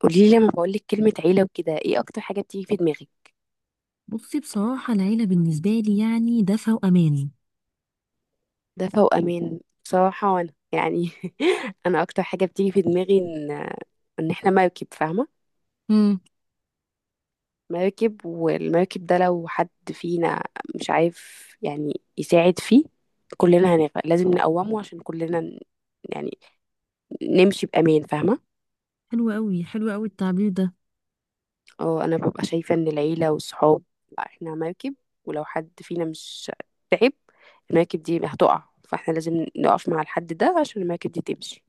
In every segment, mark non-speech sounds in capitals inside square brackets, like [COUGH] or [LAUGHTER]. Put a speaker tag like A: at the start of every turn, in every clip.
A: قولي لي لما بقول لك كلمة عيلة وكده ايه اكتر حاجة بتيجي في دماغك؟
B: بصي، بصراحة العيلة بالنسبة لي يعني دفء وأمان.
A: دفى وامان، بصراحة. وانا يعني [LAUGHS] انا اكتر حاجة بتيجي في دماغي ان احنا مركب، فاهمة؟
B: امم.
A: مركب، والمركب ده لو حد فينا مش عارف يعني يساعد فيه كلنا هنغرق. لازم نقومه عشان كلنا يعني نمشي بأمان، فاهمة؟
B: حلو قوي، حلو قوي التعبير ده.
A: اه، انا ببقى شايفة ان العيلة والصحاب، لا، احنا مركب، ولو حد فينا مش تعب المركب دي هتقع، فاحنا لازم نقف مع الحد ده عشان المركب دي تمشي.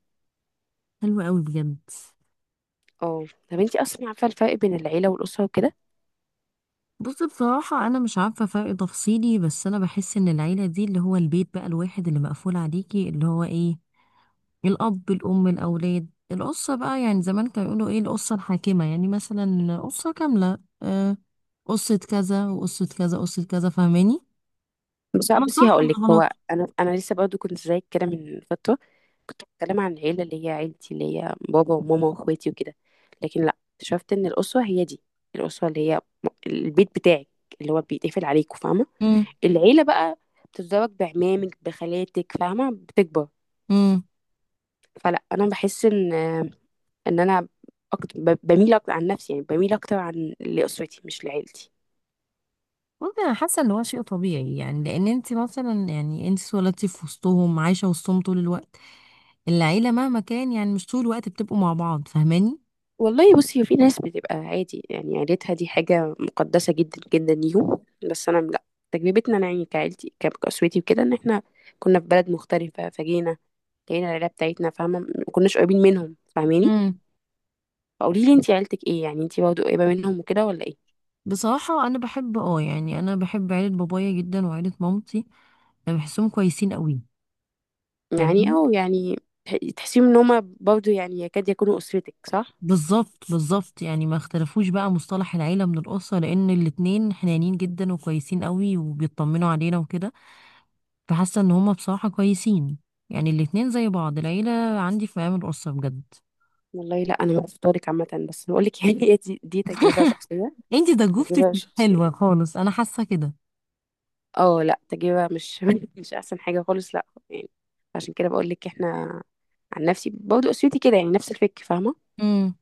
B: حلو قوي بجد.
A: اه. طب انتي اصلا عارفة الفرق بين العيلة والأسرة وكده؟
B: بصي، بصراحة أنا مش عارفة فرق تفصيلي، بس أنا بحس إن العيلة دي اللي هو البيت بقى، الواحد اللي مقفول عليكي، اللي هو إيه، الأب الأم الأولاد، القصة بقى، يعني زمان كانوا يقولوا إيه، القصة الحاكمة، يعني مثلا قصة كاملة، آه، قصة كذا وقصة كذا قصة كذا، فاهماني؟
A: بس
B: أنا
A: بصي
B: صح
A: هقولك،
B: ولا غلط؟
A: هو انا لسه برضو كنت زيك كده من فترة. كنت بتكلم عن العيلة اللي هي عيلتي، اللي هي بابا وماما واخواتي وكده. لكن لا، اكتشفت ان الأسرة هي دي. الأسرة اللي هي البيت بتاعك، اللي هو بيتقفل عليكوا، فاهمة؟ العيلة بقى بتتزوج بعمامك بخالاتك، فاهمة، بتكبر.
B: امم.
A: فلا، أنا بحس إن أنا أكتر، بميل أكتر عن نفسي، يعني بميل أكتر عن لأسرتي مش لعيلتي.
B: بصي، انا حاسه ان هو شيء طبيعي، يعني لان انت مثلا، يعني انت اتولدتي في وسطهم، عايشه وسطهم طول الوقت. العيله مهما كان يعني مش طول الوقت بتبقوا مع بعض، فاهماني؟
A: والله بصي، في ناس بتبقى عادي يعني عيلتها دي حاجة مقدسة جدا جدا ليهم، بس أنا لا. تجربتنا أنا يعني كعيلتي كأسرتي وكده، إن إحنا كنا في بلد مختلفة، فجينا لقينا العيلة بتاعتنا، فاهمة. مكناش قريبين منهم، فاهماني؟
B: امم.
A: فقولي لي انتي، عيلتك ايه يعني؟ انتي برضه قريبة منهم وكده ولا ايه؟
B: بصراحه انا بحب، يعني انا بحب عيله بابايا جدا وعيله مامتي. انا بحسهم كويسين قوي.
A: يعني
B: فاهماني؟
A: أو يعني تحسيهم إن هما برضه يعني يكاد يكونوا أسرتك، صح؟
B: بالظبط، بالظبط، يعني ما اختلفوش بقى مصطلح العيله من الاسره، لان الاتنين حنانين جدا وكويسين قوي وبيطمنوا علينا وكده. فحاسه ان هما بصراحه كويسين. يعني الاتنين زي بعض، العيله عندي في مقام الاسره بجد.
A: والله لا، أنا مش فطارك عامة، بس بقول لك [LAUGHS] يعني هي دي، دي تجربة شخصية.
B: انتي ضجوفتك
A: تجربة
B: مش حلوة
A: شخصية.
B: خالص، انا حاسة كده.
A: اه لا، تجربة مش [LAUGHS] مش أحسن حاجة خالص، لا يعني. عشان كده بقول لك، احنا عن نفسي برضه أسرتي كده يعني نفس الفكر، فاهمة؟
B: امم.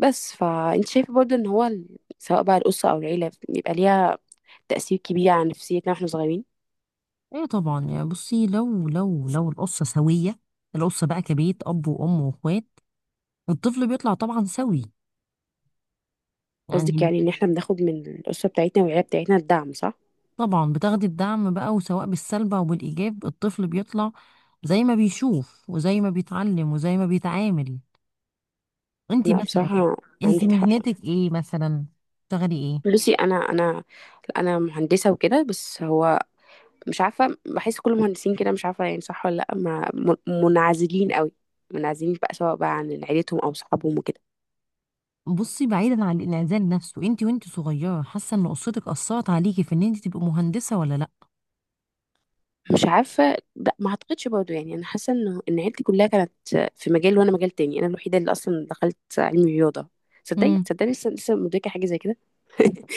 A: بس فأنت شايفة برضه إن هو سواء بقى الأسرة أو العيلة بيبقى ليها تأثير كبير على نفسيتنا واحنا صغيرين.
B: ايه طبعا، يعني بصي، لو القصة سوية، القصة بقى كبيت اب وام واخوات، الطفل بيطلع طبعا سوي،
A: قصدك
B: يعني.
A: يعني إن احنا بناخد من الأسرة بتاعتنا والعيلة بتاعتنا الدعم، صح؟
B: طبعا بتاخدي الدعم بقى، وسواء بالسلب او بالايجاب الطفل بيطلع زي ما بيشوف وزي ما بيتعلم وزي ما بيتعامل. انتي
A: لا
B: مثلا
A: بصراحة،
B: انتي
A: عندك حق.
B: مهنتك ايه مثلا؟ بتشتغلي ايه؟
A: بصي، انا انا مهندسه وكده، بس هو مش عارفه، بحس كل المهندسين كده، مش عارفه يعني صح ولا لا. ما م- منعزلين قوي، منعزلين بقى سواء بقى عن عيلتهم او صحابهم وكده.
B: بصي بعيدا عن الانعزال نفسه، انتي وانتي صغيرة حاسة ان قصتك اثرت عليكي في ان انتي تبقي مهندسة ولا
A: مش عارفه، لا ما اعتقدش برضه، يعني انا حاسه انه ان عيلتي كلها كانت في مجال، وانا مجال تاني، انا الوحيده اللي اصلا دخلت علم رياضه. تصدقي
B: لا؟
A: تصدقي لسه مدركه حاجه زي كده.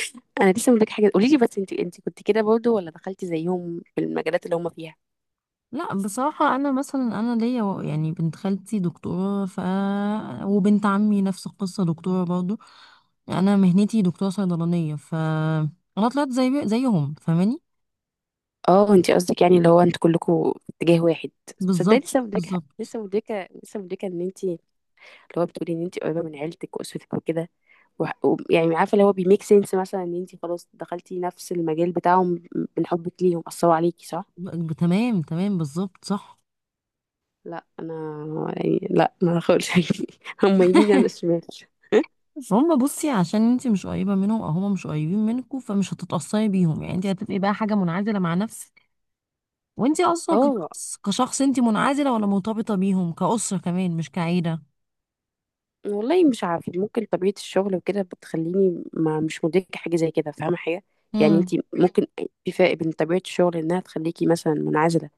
A: [LAUGHS] انا لسه مدركه حاجه. قولي لي بس، انت كنت كده برضه ولا دخلتي زيهم في المجالات اللي هم فيها؟
B: لا، بصراحة أنا مثلا، أنا ليا يعني بنت خالتي دكتورة، وبنت عمي نفس القصة دكتورة برضو. أنا مهنتي دكتورة صيدلانية، أنا طلعت زيهم فاهماني؟
A: اه، انت قصدك يعني اللي هو انت كلكم في اتجاه واحد. صدقني
B: بالظبط،
A: لسه مدركه،
B: بالظبط.
A: لسه مدركه ان انت اللي هو بتقولي ان انت قريبه من عيلتك واسرتك وكده يعني عارفه اللي هو بيميك سنس، مثلا ان انت خلاص دخلتي نفس المجال بتاعهم من حبك ليهم، اثروا عليكي، صح؟
B: تمام، تمام، بالظبط صح.
A: لا انا يعني لا، ما خالص. [LAUGHS] هم يمين انا شمال.
B: هما بصي عشان انتي مش قريبة منهم أو هما مش قريبين منكوا، فمش هتتأثري بيهم، يعني انتي هتبقي بقى حاجة منعزلة مع نفسك، وانتي أصلا
A: اه
B: كشخص انتي منعزلة ولا مرتبطة بيهم كأسرة كمان مش كعيلة.
A: والله مش عارفة، ممكن طبيعة الشغل وكده بتخليني ما مش مدركة حاجة زي كده، فاهمة حاجة؟ يعني انت
B: مم.
A: ممكن، في فرق بين طبيعة الشغل انها تخليكي مثلا منعزلة،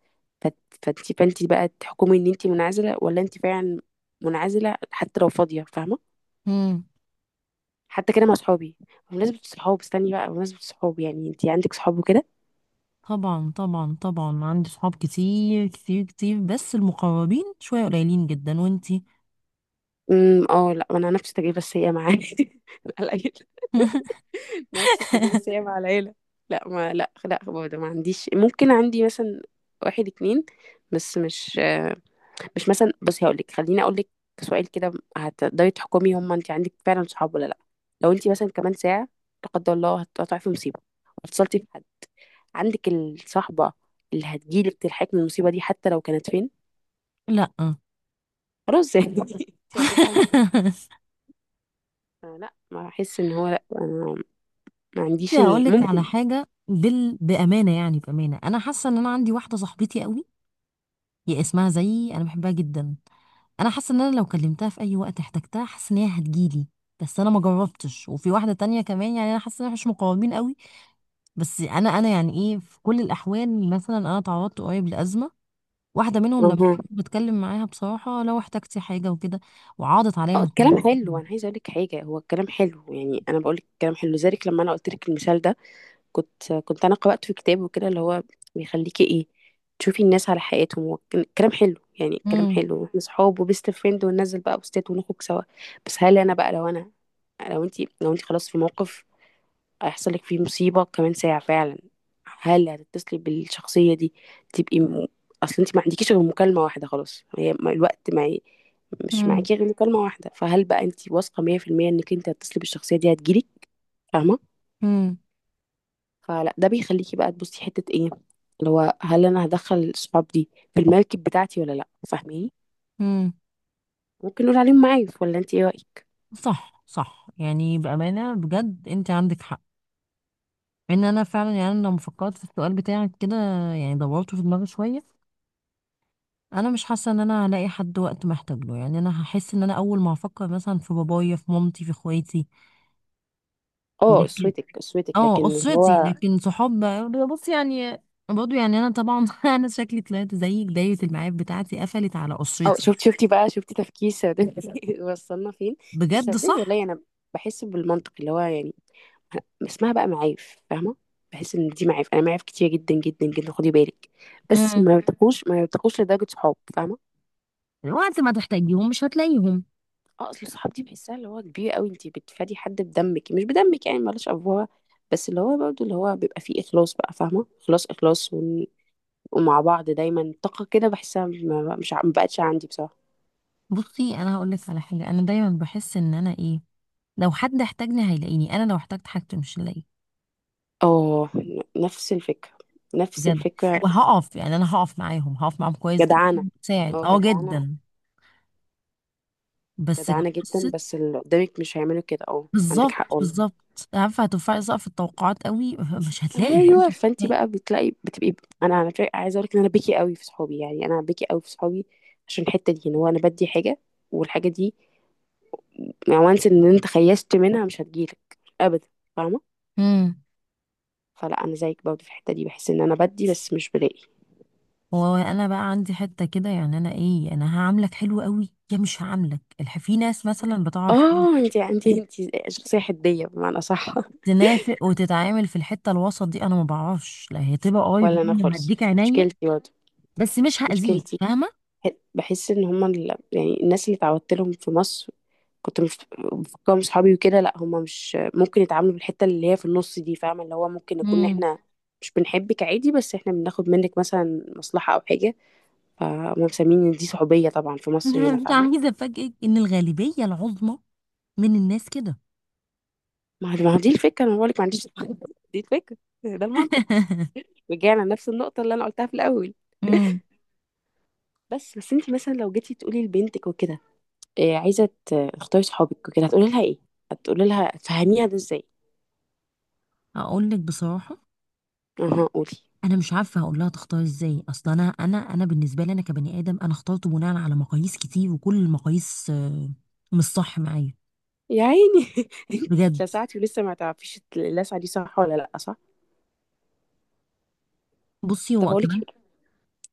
A: فت- فانت بقى تحكمي ان انت منعزلة ولا انت فعلا منعزلة حتى لو فاضية، فاهمة؟
B: مم.
A: حتى كده مع صحابي. بمناسبة الصحاب، استني بقى، بمناسبة الصحاب يعني، انت عندك صحاب وكده؟
B: طبعا، طبعا، طبعا عندي صحاب كتير كتير كتير، بس المقربين شوية قليلين جدا، وانتي؟
A: امم، اه لا انا نفس التجربة السيئة معايا. [LAUGHS] لا لا، [LAUGHS] نفس التجربة بس هي
B: [LAUGHS]
A: مع العيلة. لا ما لا برضه ما عنديش، ممكن عندي مثلا واحد اتنين، بس مش مش مثلا. بصي هقول لك، خليني اقول لك سؤال كده، هتقدري تحكمي هم انت عندك فعلا صحاب ولا لا. لو انت مثلا كمان ساعة، لا قدر الله، هتقطعي في مصيبة واتصلتي بحد، عندك الصحبة اللي هتجيلك تلحقك من المصيبة دي حتى لو كانت فين؟
B: لا.
A: خلاص يعني، [LAUGHS] انت رديتي على نفسك.
B: [LAUGHS]
A: لا ما احس ان هو لا، أنا ما
B: بصي
A: عنديش
B: هقول لك على
A: ممكن.
B: حاجة، بأمانة، يعني بأمانة أنا حاسة إن أنا عندي واحدة صاحبتي قوي، هي اسمها زيي، أنا بحبها جدا. أنا حاسة إن أنا لو كلمتها في أي وقت احتجتها، حاسة إن هي هتجيلي، بس أنا ما جربتش. وفي واحدة تانية كمان، يعني أنا حاسة إن احنا مش مقربين قوي. بس أنا يعني إيه، في كل الأحوال مثلا أنا تعرضت قريب لأزمة، واحده منهم لما
A: أها.
B: كنت بتكلم معاها بصراحه، لو احتجتي حاجه وكده، وعاضت عليا
A: اه،
B: مساعدات
A: الكلام حلو،
B: كتير.
A: انا عايزه اقول لك حاجه، هو الكلام حلو يعني، انا بقول لك الكلام حلو. لذلك لما انا قلت لك المثال ده، كنت انا قرات في كتاب وكده، اللي هو بيخليكي ايه، تشوفي الناس على حقيقتهم. هو الكلام حلو يعني، الكلام
B: امم.
A: حلو واحنا صحاب وبيست فريند وننزل بقى بوستات ونخرج سوا، بس هل انا بقى لو انا، لو انت، لو انت خلاص في موقف هيحصل لك فيه مصيبة كمان ساعة فعلا، هل هتتصلي بالشخصية دي؟ تبقي اصل انت ما عندكيش غير مكالمة واحدة، خلاص، هي الوقت معي، مش
B: امم.
A: معاكي غير مكالمة واحدة. فهل بقى انت واثقة 100% انك انت هتتصلي بالشخصية دي هتجيلك، فاهمة؟
B: امم.
A: فلا، ده بيخليكي بقى تبصي حتة ايه، اللي هو هل انا هدخل الصحاب دي في المركب بتاعتي ولا لا، فاهميني؟
B: امم.
A: ممكن نقول عليهم معايف، ولا انت ايه رأيك؟
B: صح، صح، يعني بامانه بجد انت عندك حق. ان انا فعلا، يعني أنا لما فكرت في السؤال بتاعك كده، يعني دورته في دماغي شويه، انا مش حاسه ان انا هلاقي حد وقت محتاج له، يعني انا هحس ان انا اول ما هفكر مثلا في بابايا في مامتي في اخواتي.
A: اه،
B: لكن
A: اسوتك، اسوتك لكن
B: اه،
A: اللي
B: اسرتي،
A: هو.
B: لكن صحاب بص يعني، برضه يعني انا طبعا [LAUGHS] انا شكلي طلعت زيك، دايرة المعارف بتاعتي قفلت على
A: اه
B: اسرتي.
A: شفتي تفكير سوداوي. [LAUGHS] وصلنا فين!
B: بجد
A: السوداوي.
B: صح.
A: والله انا بحس بالمنطق اللي هو يعني، اسمها بقى معايف، فاهمه. بحس ان دي معايف، انا معايف كتير جدا جدا جدا، خدي بالك، بس
B: امم.
A: ما يرتقوش لدرجه صحاب، فاهمه.
B: الوقت ما تحتاجيهم مش هتلاقيهم.
A: اه، اصل الصحاب دي بحسها اللي هو كبير قوي، انت بتفادي حد بدمك مش بدمك يعني، مالوش افواه. بس اللي هو برضه اللي هو بيبقى فيه اخلاص بقى، فاهمه، اخلاص ومع بعض دايما طاقه كده، بحسها ما- مش ع- ما بقتش عندي بصراحه.
B: بصي انا هقول لك على حاجه، انا دايما بحس ان انا ايه، لو حد احتاجني هيلاقيني، انا لو احتجت حاجته مش هلاقيه.
A: اه، نفس الفكره، نفس
B: بجد.
A: الفكرة.
B: وهقف، يعني انا هقف معاهم، هقف معاهم كويس
A: جدعانة،
B: جدا، ساعد
A: اه جدعانة،
B: جدا. بس
A: جدعانة جدا،
B: قصه،
A: بس اللي قدامك مش هيعملوا كده، اه عندك حق
B: بالظبط،
A: والله.
B: بالظبط عارفه هترفعي سقف التوقعات قوي. [LAUGHS] مش هتلاقي، انت
A: ايوه،
B: مش
A: فانت بقى بتلاقي بتبقي. انا على فكره عايزه اقول لك ان انا بكي قوي في صحابي، يعني انا بكي قوي في صحابي عشان الحته دي، ان هو انا بدي حاجه، والحاجه دي وانس ان انت خيشت منها مش هتجيلك ابدا، فاهمه.
B: هتلاقي.
A: فلا انا زيك برضه في الحته دي، بحس ان انا بدي بس مش بلاقي.
B: وانا بقى عندي حته كده، يعني انا ايه، انا هعاملك حلو قوي يا مش هعاملك، في ناس مثلا بتعرف إيه،
A: اه انت [LAUGHS] انت شخصيه حديه بمعنى، صح.
B: تنافق وتتعامل في الحته الوسط دي، انا ما بعرفش. لا هي
A: [LAUGHS]
B: تبقى
A: ولا
B: قريب
A: انا
B: مني
A: خالص،
B: وهديك عينيا،
A: مشكلتي برضه،
B: بس مش هاذيك
A: مشكلتي،
B: فاهمه.
A: بحس ان هما يعني الناس اللي اتعودت لهم في مصر، كنت مفكرهم صحابي وكده، لا هما مش ممكن يتعاملوا بالحته اللي هي في النص دي، فاهمه، اللي هو ممكن نكون
B: امم.
A: احنا مش بنحبك عادي، بس احنا بناخد منك مثلا مصلحه او حاجه، فهم مسمين ان دي صحوبيه طبعا في
B: [LAUGHS]
A: مصر
B: انا
A: هنا،
B: مش
A: فاهمه.
B: عايزه افاجئك ان الغالبيه العظمى من الناس كده.
A: ما هو دي الفكره، انا بقولك ما عنديش. [LAUGHS] دي الفكره، ده المنطق،
B: [LAUGHS]
A: رجعنا لنفس النقطه اللي انا قلتها في الاول.
B: امم.
A: بس انت مثلا لو جيتي تقولي لبنتك وكده، إيه، عايزه تختاري صحابك وكده، هتقولي لها ايه؟ هتقولي لها تفهميها ده ازاي؟
B: اقول لك بصراحه،
A: اها، قولي.
B: انا مش عارفه هقول لها تختار ازاي، اصلا انا بالنسبه لي، انا كبني ادم انا اخترت بناء على مقاييس كتير، وكل المقاييس آه، مش صح معايا.
A: يا عيني، [LAUGHS] انت
B: بجد.
A: اتلسعتي ولسه ما تعرفيش اللسعه دي صح ولا لا، صح.
B: بصي
A: طب
B: هو
A: هقول لك
B: كمان،
A: حاجه،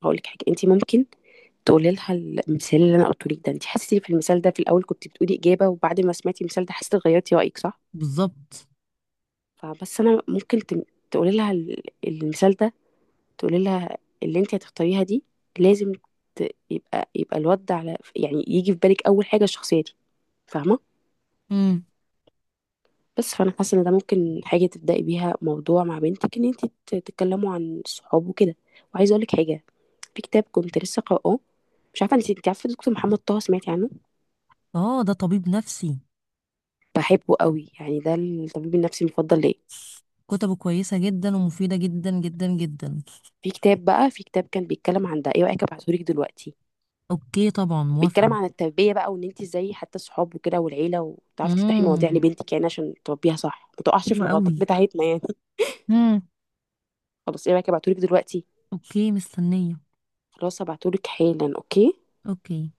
A: انت ممكن تقولي لها المثال اللي انا قلته لك ده. انت حسيتي في المثال ده، في الاول كنت بتقولي اجابه، وبعد ما سمعتي المثال ده حسيتي غيرتي رايك، صح؟
B: بالظبط.
A: فبس انا ممكن تقولي لها المثال ده، تقولي لها اللي انت هتختاريها دي لازم يبقى الواد ده على يعني، يجي في بالك اول حاجه الشخصيه دي، فاهمه.
B: امم.
A: بس فانا حاسه ان ده ممكن حاجه تبداي بيها موضوع مع بنتك، ان انت تتكلموا عن الصحاب وكده. وعايزه اقول لك حاجه، في كتاب كنت لسه قراه، مش عارفه انت، عارفه دكتور محمد طه؟ سمعتي عنه؟
B: اه، ده طبيب نفسي.
A: بحبه قوي يعني، ده الطبيب النفسي المفضل ليا.
B: كتبه كويسة جدا ومفيدة جدا جدا جدا.
A: في كتاب بقى، في كتاب كان بيتكلم عن ده، ايه رايك ابعتهولك دلوقتي؟
B: اوكي طبعا موافقة.
A: بيتكلم عن التربيه بقى، وان انت ازاي حتى الصحاب وكده والعيله، وتعرفي تفتحي مواضيع
B: امم.
A: لبنتك يعني عشان تربيها صح، ما تقعش في
B: حلوة
A: الغلطات
B: قوي.
A: بتاعتنا يعني.
B: امم.
A: [LAUGHS] خلاص، ايه رايك ابعتهولك دلوقتي؟
B: اوكي مستنية.
A: خلاص هبعتهولك حالا، اوكي.
B: اوكي.